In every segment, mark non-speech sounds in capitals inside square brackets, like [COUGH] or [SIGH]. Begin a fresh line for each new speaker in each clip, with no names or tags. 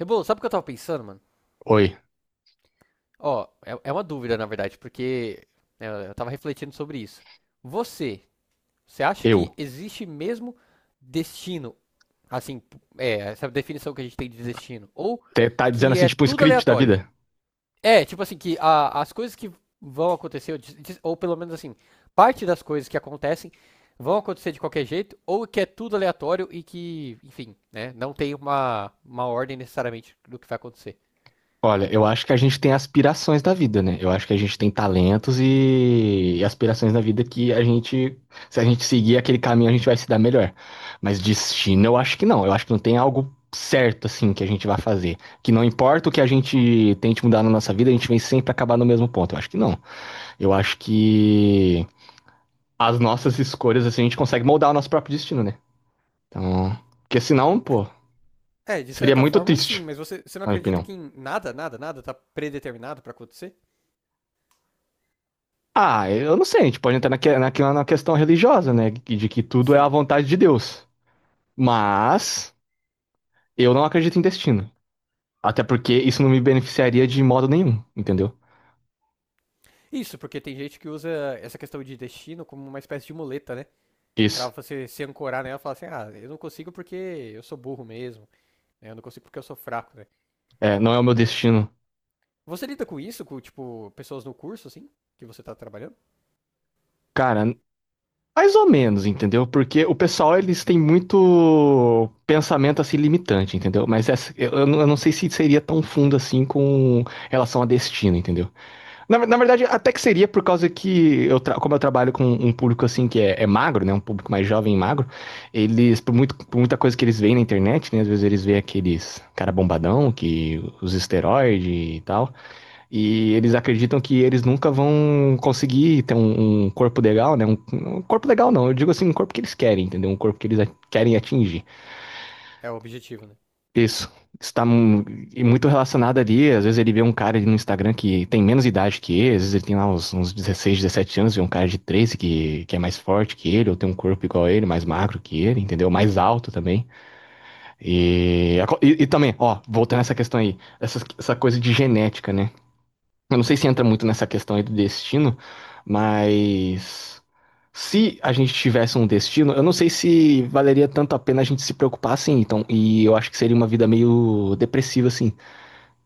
Rebolo, sabe o que eu tava pensando, mano?
Oi,
Ó, é uma dúvida, na verdade, porque né, eu tava refletindo sobre isso. Você, você acha que
eu.
existe mesmo destino, assim, essa definição que a gente tem de destino, ou
Tá dizendo
que
assim,
é
tipo, o
tudo
script da
aleatório?
vida?
É, tipo assim, que as coisas que vão acontecer, ou ou pelo menos assim, parte das coisas que acontecem vão acontecer de qualquer jeito, ou que é tudo aleatório e que, enfim, né, não tem uma ordem necessariamente do que vai acontecer.
Olha, eu acho que a gente tem aspirações da vida, né? Eu acho que a gente tem talentos e aspirações da vida que a gente, se a gente seguir aquele caminho, a gente vai se dar melhor. Mas destino, eu acho que não. Eu acho que não tem algo certo, assim, que a gente vai fazer. Que não importa o que a gente tente mudar na nossa vida, a gente vem sempre acabar no mesmo ponto. Eu acho que não. Eu acho que as nossas escolhas, assim, a gente consegue moldar o nosso próprio destino, né? Então, porque senão, pô,
É, de
seria
certa
muito
forma, sim,
triste,
mas você não
na minha
acredita que
opinião.
em nada, nada, nada tá predeterminado pra acontecer?
Ah, eu não sei, a gente pode entrar naque- naquela na questão religiosa, né? De que tudo é a
Sim.
vontade de Deus. Mas eu não acredito em destino. Até porque isso não me beneficiaria de modo nenhum, entendeu?
Isso, porque tem gente que usa essa questão de destino como uma espécie de muleta, né? Pra
Isso.
você se ancorar nela e falar assim, ah, eu não consigo porque eu sou burro mesmo, né? Eu não consigo porque eu sou fraco, né?
É, não é o meu destino.
Você lida com isso, com, tipo, pessoas no curso, assim, que você tá trabalhando?
Cara, mais ou menos, entendeu? Porque o pessoal, eles têm muito pensamento assim limitante, entendeu? Mas eu não sei se seria tão fundo assim com relação a destino, entendeu? Na, na verdade, até que seria por causa que, como eu trabalho com um público assim que é magro, né? Um público mais jovem e magro, eles, por, muito, por muita coisa que eles veem na internet, né? Às vezes eles veem aqueles cara bombadão, que os esteroides e tal, e eles acreditam que eles nunca vão conseguir ter um corpo legal, né? Um corpo legal não, eu digo assim, um corpo que eles querem, entendeu? Um corpo que eles querem atingir.
É o objetivo, né?
Isso. Está mu- e muito relacionado ali. Às vezes ele vê um cara ali no Instagram que tem menos idade que ele, às vezes ele tem lá uns 16, 17 anos, vê um cara de 13 que é mais forte que ele, ou tem um corpo igual a ele, mais magro que ele, entendeu? Mais alto também. E também, ó, voltando a essa questão aí, essa coisa de genética, né? Eu não sei se entra muito nessa questão aí do destino, mas se a gente tivesse um destino, eu não sei se valeria tanto a pena a gente se preocupar assim. Então, e eu acho que seria uma vida meio depressiva assim,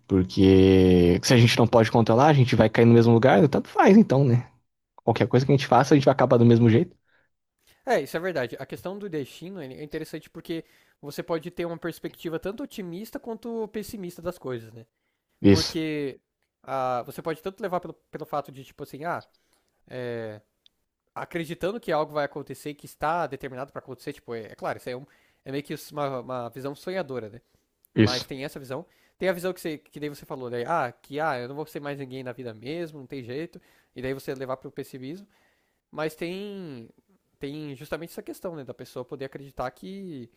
porque se a gente não pode controlar, a gente vai cair no mesmo lugar, tanto faz então, né? Qualquer coisa que a gente faça, a gente vai acabar do mesmo jeito.
É, isso é verdade. A questão do destino ele é interessante porque você pode ter uma perspectiva tanto otimista quanto pessimista das coisas, né?
Isso,
Porque ah, você pode tanto levar pelo fato de, tipo assim, ah, é, acreditando que algo vai acontecer que está determinado para acontecer, tipo, é, é claro, isso é, um, é meio que uma visão sonhadora, né?
isso.
Mas tem essa visão. Tem a visão que, você, que daí você falou, né? Ah, que ah, eu não vou ser mais ninguém na vida mesmo, não tem jeito. E daí você levar para o pessimismo. Mas tem, tem justamente essa questão, né? Da pessoa poder acreditar que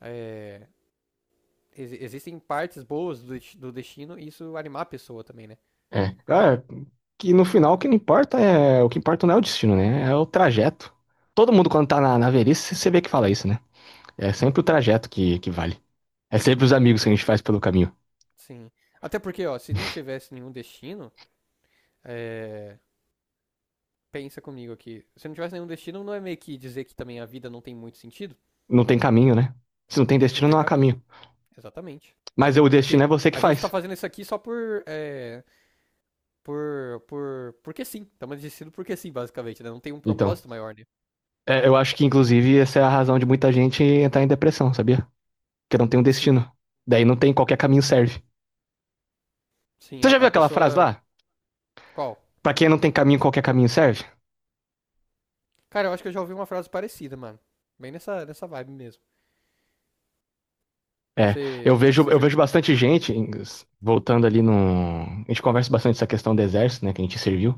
é, existem partes boas do destino e isso animar a pessoa também, né?
É. Cara, que no final o que não importa é, o que importa não é o destino, né? É o trajeto. Todo mundo quando tá na, na velhice, você vê que fala isso, né? É sempre o trajeto que vale. É sempre os amigos que a gente faz pelo caminho.
Sim. Até porque, ó, se não tivesse nenhum destino, é, pensa comigo aqui. Se não tivesse nenhum destino, não é meio que dizer que também a vida não tem muito sentido?
Não tem caminho, né? Se não tem
Não
destino,
tem
não há
caminho.
caminho.
Exatamente.
Mas o destino
Porque
é você que
a gente tá
faz.
fazendo isso aqui só por. É, por. Por. Porque sim. Estamos decidindo porque sim, basicamente, né? Não tem um
Então,
propósito maior, né?
é, eu acho que, inclusive, essa é a razão de muita gente entrar em depressão, sabia? Porque não tem um
Sim.
destino. Daí não tem qualquer caminho serve.
Sim,
Você já viu
a
aquela frase
pessoa.
lá?
Qual?
Pra quem não tem caminho, qualquer caminho serve?
Cara, eu acho que eu já ouvi uma frase parecida, mano. Bem nessa vibe mesmo.
É,
Você. Você
eu vejo
chegou.
bastante gente, voltando ali no. A gente conversa bastante essa questão do exército, né? Que a gente serviu.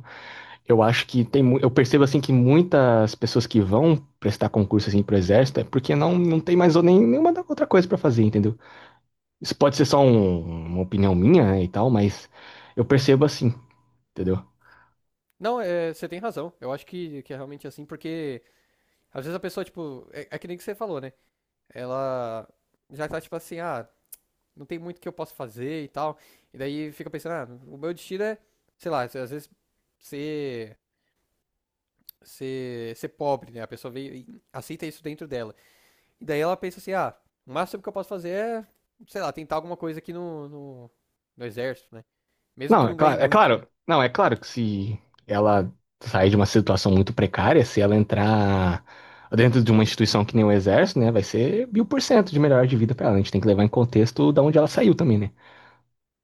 Eu acho que tem, mu- eu percebo assim que muitas pessoas que vão prestar concurso assim pro exército é porque não tem mais ou nem, nenhuma outra coisa pra fazer, entendeu? Isso pode ser só uma opinião minha, né, e tal, mas eu percebo assim, entendeu?
Não, é, você tem razão. Eu acho que é realmente assim, porque às vezes a pessoa, tipo, é, é que nem que você falou, né? Ela já tá tipo assim, ah, não tem muito que eu posso fazer e tal. E daí fica pensando, ah, o meu destino é, sei lá, às vezes ser, ser pobre, né? A pessoa veio e aceita isso dentro dela. E daí ela pensa assim, ah, o máximo que eu posso fazer é, sei lá, tentar alguma coisa aqui no exército, né? Mesmo que
Não,
não ganhe
é
muito, né?
claro, não, é claro que se ela sair de uma situação muito precária, se ela entrar dentro de uma instituição que nem o exército, né, vai ser 1000% de melhor de vida pra ela. A gente tem que levar em contexto da onde ela saiu também, né?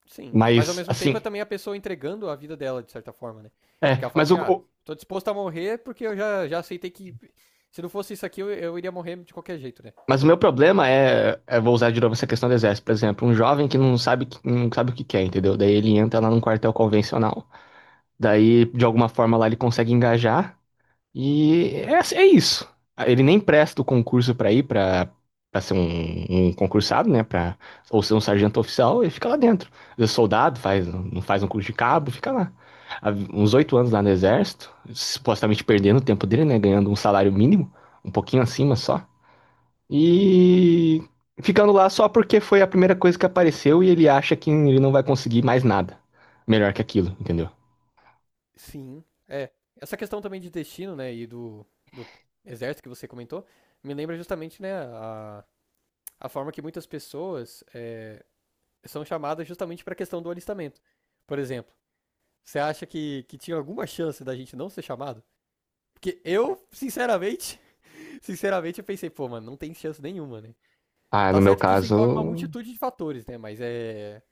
Sim. Mas ao
Mas
mesmo tempo
assim,
é também a pessoa entregando a vida dela, de certa forma, né?
é,
Porque ela fala
mas o,
assim, ah,
o-
tô disposto a morrer porque eu já, já aceitei que. Se não fosse isso aqui, eu iria morrer de qualquer jeito, né?
Mas o meu problema é, vou usar de novo essa questão do exército, por exemplo, um jovem que não sabe, não sabe o que quer, entendeu? Daí ele entra lá num quartel convencional. Daí, de alguma forma, lá ele consegue engajar e é, assim, é isso. Ele nem presta o concurso pra ir pra para ser um concursado, né? Ou ser um sargento oficial e fica lá dentro. Às vezes soldado, faz, não faz um curso de cabo, fica lá. Há uns 8 anos lá no exército, supostamente perdendo o tempo dele, né? Ganhando um salário mínimo, um pouquinho acima só. E ficando lá só porque foi a primeira coisa que apareceu e ele acha que ele não vai conseguir mais nada melhor que aquilo, entendeu?
Sim. É. Essa questão também de destino, né? E do exército que você comentou, me lembra justamente, né, a forma que muitas pessoas é, são chamadas justamente para a questão do alistamento. Por exemplo, você acha que tinha alguma chance da gente não ser chamado? Porque eu, sinceramente, sinceramente, eu pensei, pô, mano, não tem chance nenhuma, né?
Ah, no
Tá
meu
certo que isso envolve uma
caso,
multitude de fatores, né? Mas é.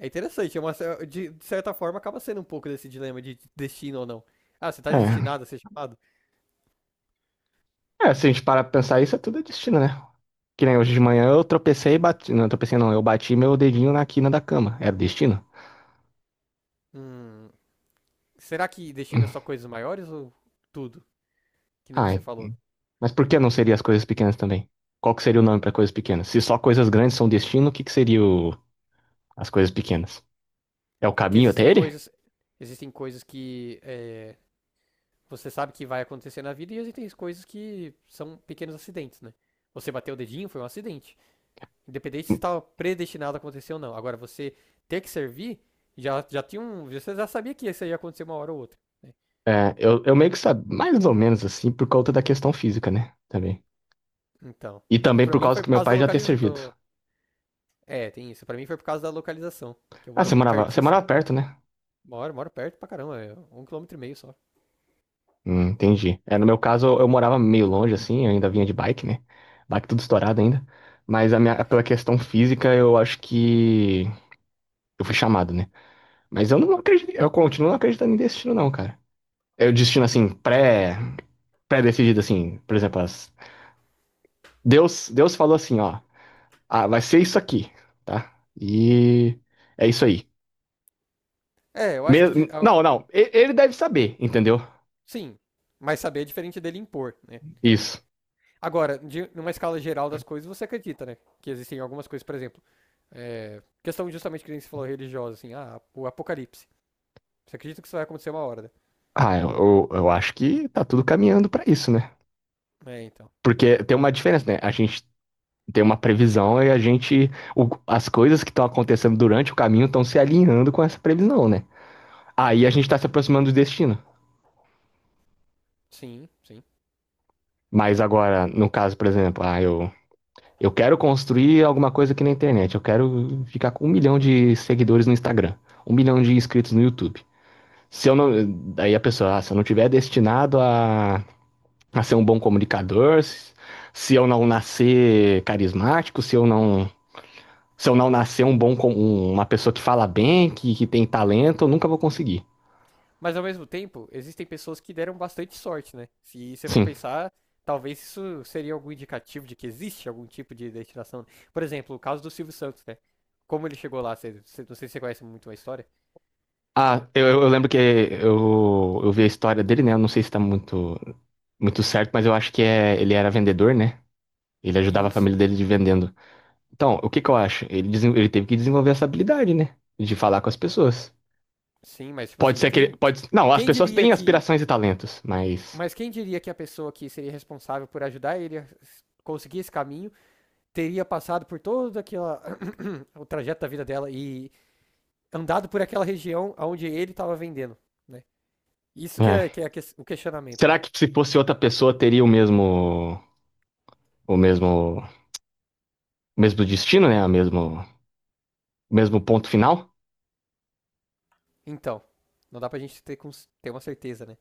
É interessante, é uma, de certa forma acaba sendo um pouco desse dilema de destino ou não. Ah, você tá
é.
destinado a ser chamado?
É, se a gente parar pra pensar isso, é tudo destino, né? Que nem hoje de manhã eu tropecei e bati. Não, tropecei não, eu bati meu dedinho na quina da cama. Era destino?
Hum, será que destino é
Hum.
só coisas maiores ou tudo? Que nem você
Ai,
falou.
mas por que não seria as coisas pequenas também? Qual que seria o nome pra coisas pequenas? Se só coisas grandes são destino, o que que seria o... as coisas pequenas? É o
É que
caminho até ele?
existem coisas que é, você sabe que vai acontecer na vida e existem coisas que são pequenos acidentes, né? Você bateu o dedinho, foi um acidente. Independente se estava predestinado a acontecer ou não. Agora, você ter que servir, já, já tinha um. Você já sabia que isso ia acontecer uma hora ou outra, né?
É, eu meio que sabia, mais ou menos assim, por conta da questão física, né? Também.
Então.
E também
Pra
por
mim
causa
foi
que
por
meu
causa da
pai já ter servido.
localização. É, tem isso. Pra mim foi por causa da localização. Que eu
Ah,
moro
você
pertíssimo.
morava perto, né?
Moro perto pra caramba. É 1,5 quilômetro só.
Entendi. É, no meu caso, eu morava meio longe, assim, eu ainda vinha de bike, né? Bike tudo estourado ainda. Mas a minha, pela questão física, eu acho que eu fui chamado, né? Mas eu não acredito, eu continuo não acreditando em destino, não, cara. É o destino, assim, pré-decidido, assim, por exemplo, as- Deus, Deus falou assim, ó, ah, vai ser isso aqui, tá? E é isso aí.
É, eu acho que. De- ah,
Não, não. Ele deve saber, entendeu?
sim. Mas saber é diferente dele impor, né?
Isso.
Agora, de, numa escala geral das coisas, você acredita, né? Que existem algumas coisas, por exemplo. É, questão justamente que nem você falou religiosa, assim, ah, o apocalipse. Você acredita que isso vai acontecer uma hora, né?
Ah, eu acho que tá tudo caminhando pra isso, né?
É, então.
Porque tem uma diferença, né? A gente tem uma previsão e as coisas que estão acontecendo durante o caminho estão se alinhando com essa previsão, né? Aí a gente tá se aproximando do destino.
Sim, sim.
Mas agora, no caso, por exemplo, ah, eu quero construir alguma coisa aqui na internet. Eu quero ficar com 1 milhão de seguidores no Instagram, 1 milhão de inscritos no YouTube. Se eu não. Daí a pessoa, ah, se eu não tiver destinado a para ser um bom comunicador, se eu não nascer carismático, se eu não, se eu não nascer uma pessoa que fala bem, que tem talento, eu nunca vou conseguir.
Mas ao mesmo tempo, existem pessoas que deram bastante sorte, né? Se você for
Sim.
pensar, talvez isso seria algum indicativo de que existe algum tipo de destinação. Por exemplo, o caso do Silvio Santos, né? Como ele chegou lá, não sei se você conhece muito a história.
Ah, eu lembro que eu vi a história dele, né? Eu não sei se tá muito, muito certo, mas eu acho que é, ele era vendedor, né? Ele ajudava
E
a
isso,
família dele de vendendo. Então, o que que eu acho? Ele teve que desenvolver essa habilidade, né? De falar com as pessoas.
sim, mas tipo
Pode
assim,
ser que ele, pode, não, as
quem
pessoas
diria
têm
que.
aspirações e talentos, mas,
Mas quem diria que a pessoa que seria responsável por ajudar ele a conseguir esse caminho teria passado por todo aquela, [CLEARS THROAT] o trajeto da vida dela e andado por aquela região onde ele estava vendendo, né? Isso
é.
que é a o questionamento, né?
Será que se fosse outra pessoa teria o mesmo, o mesmo destino, né? O mesmo ponto final?
Então, não dá pra gente ter, ter uma certeza, né?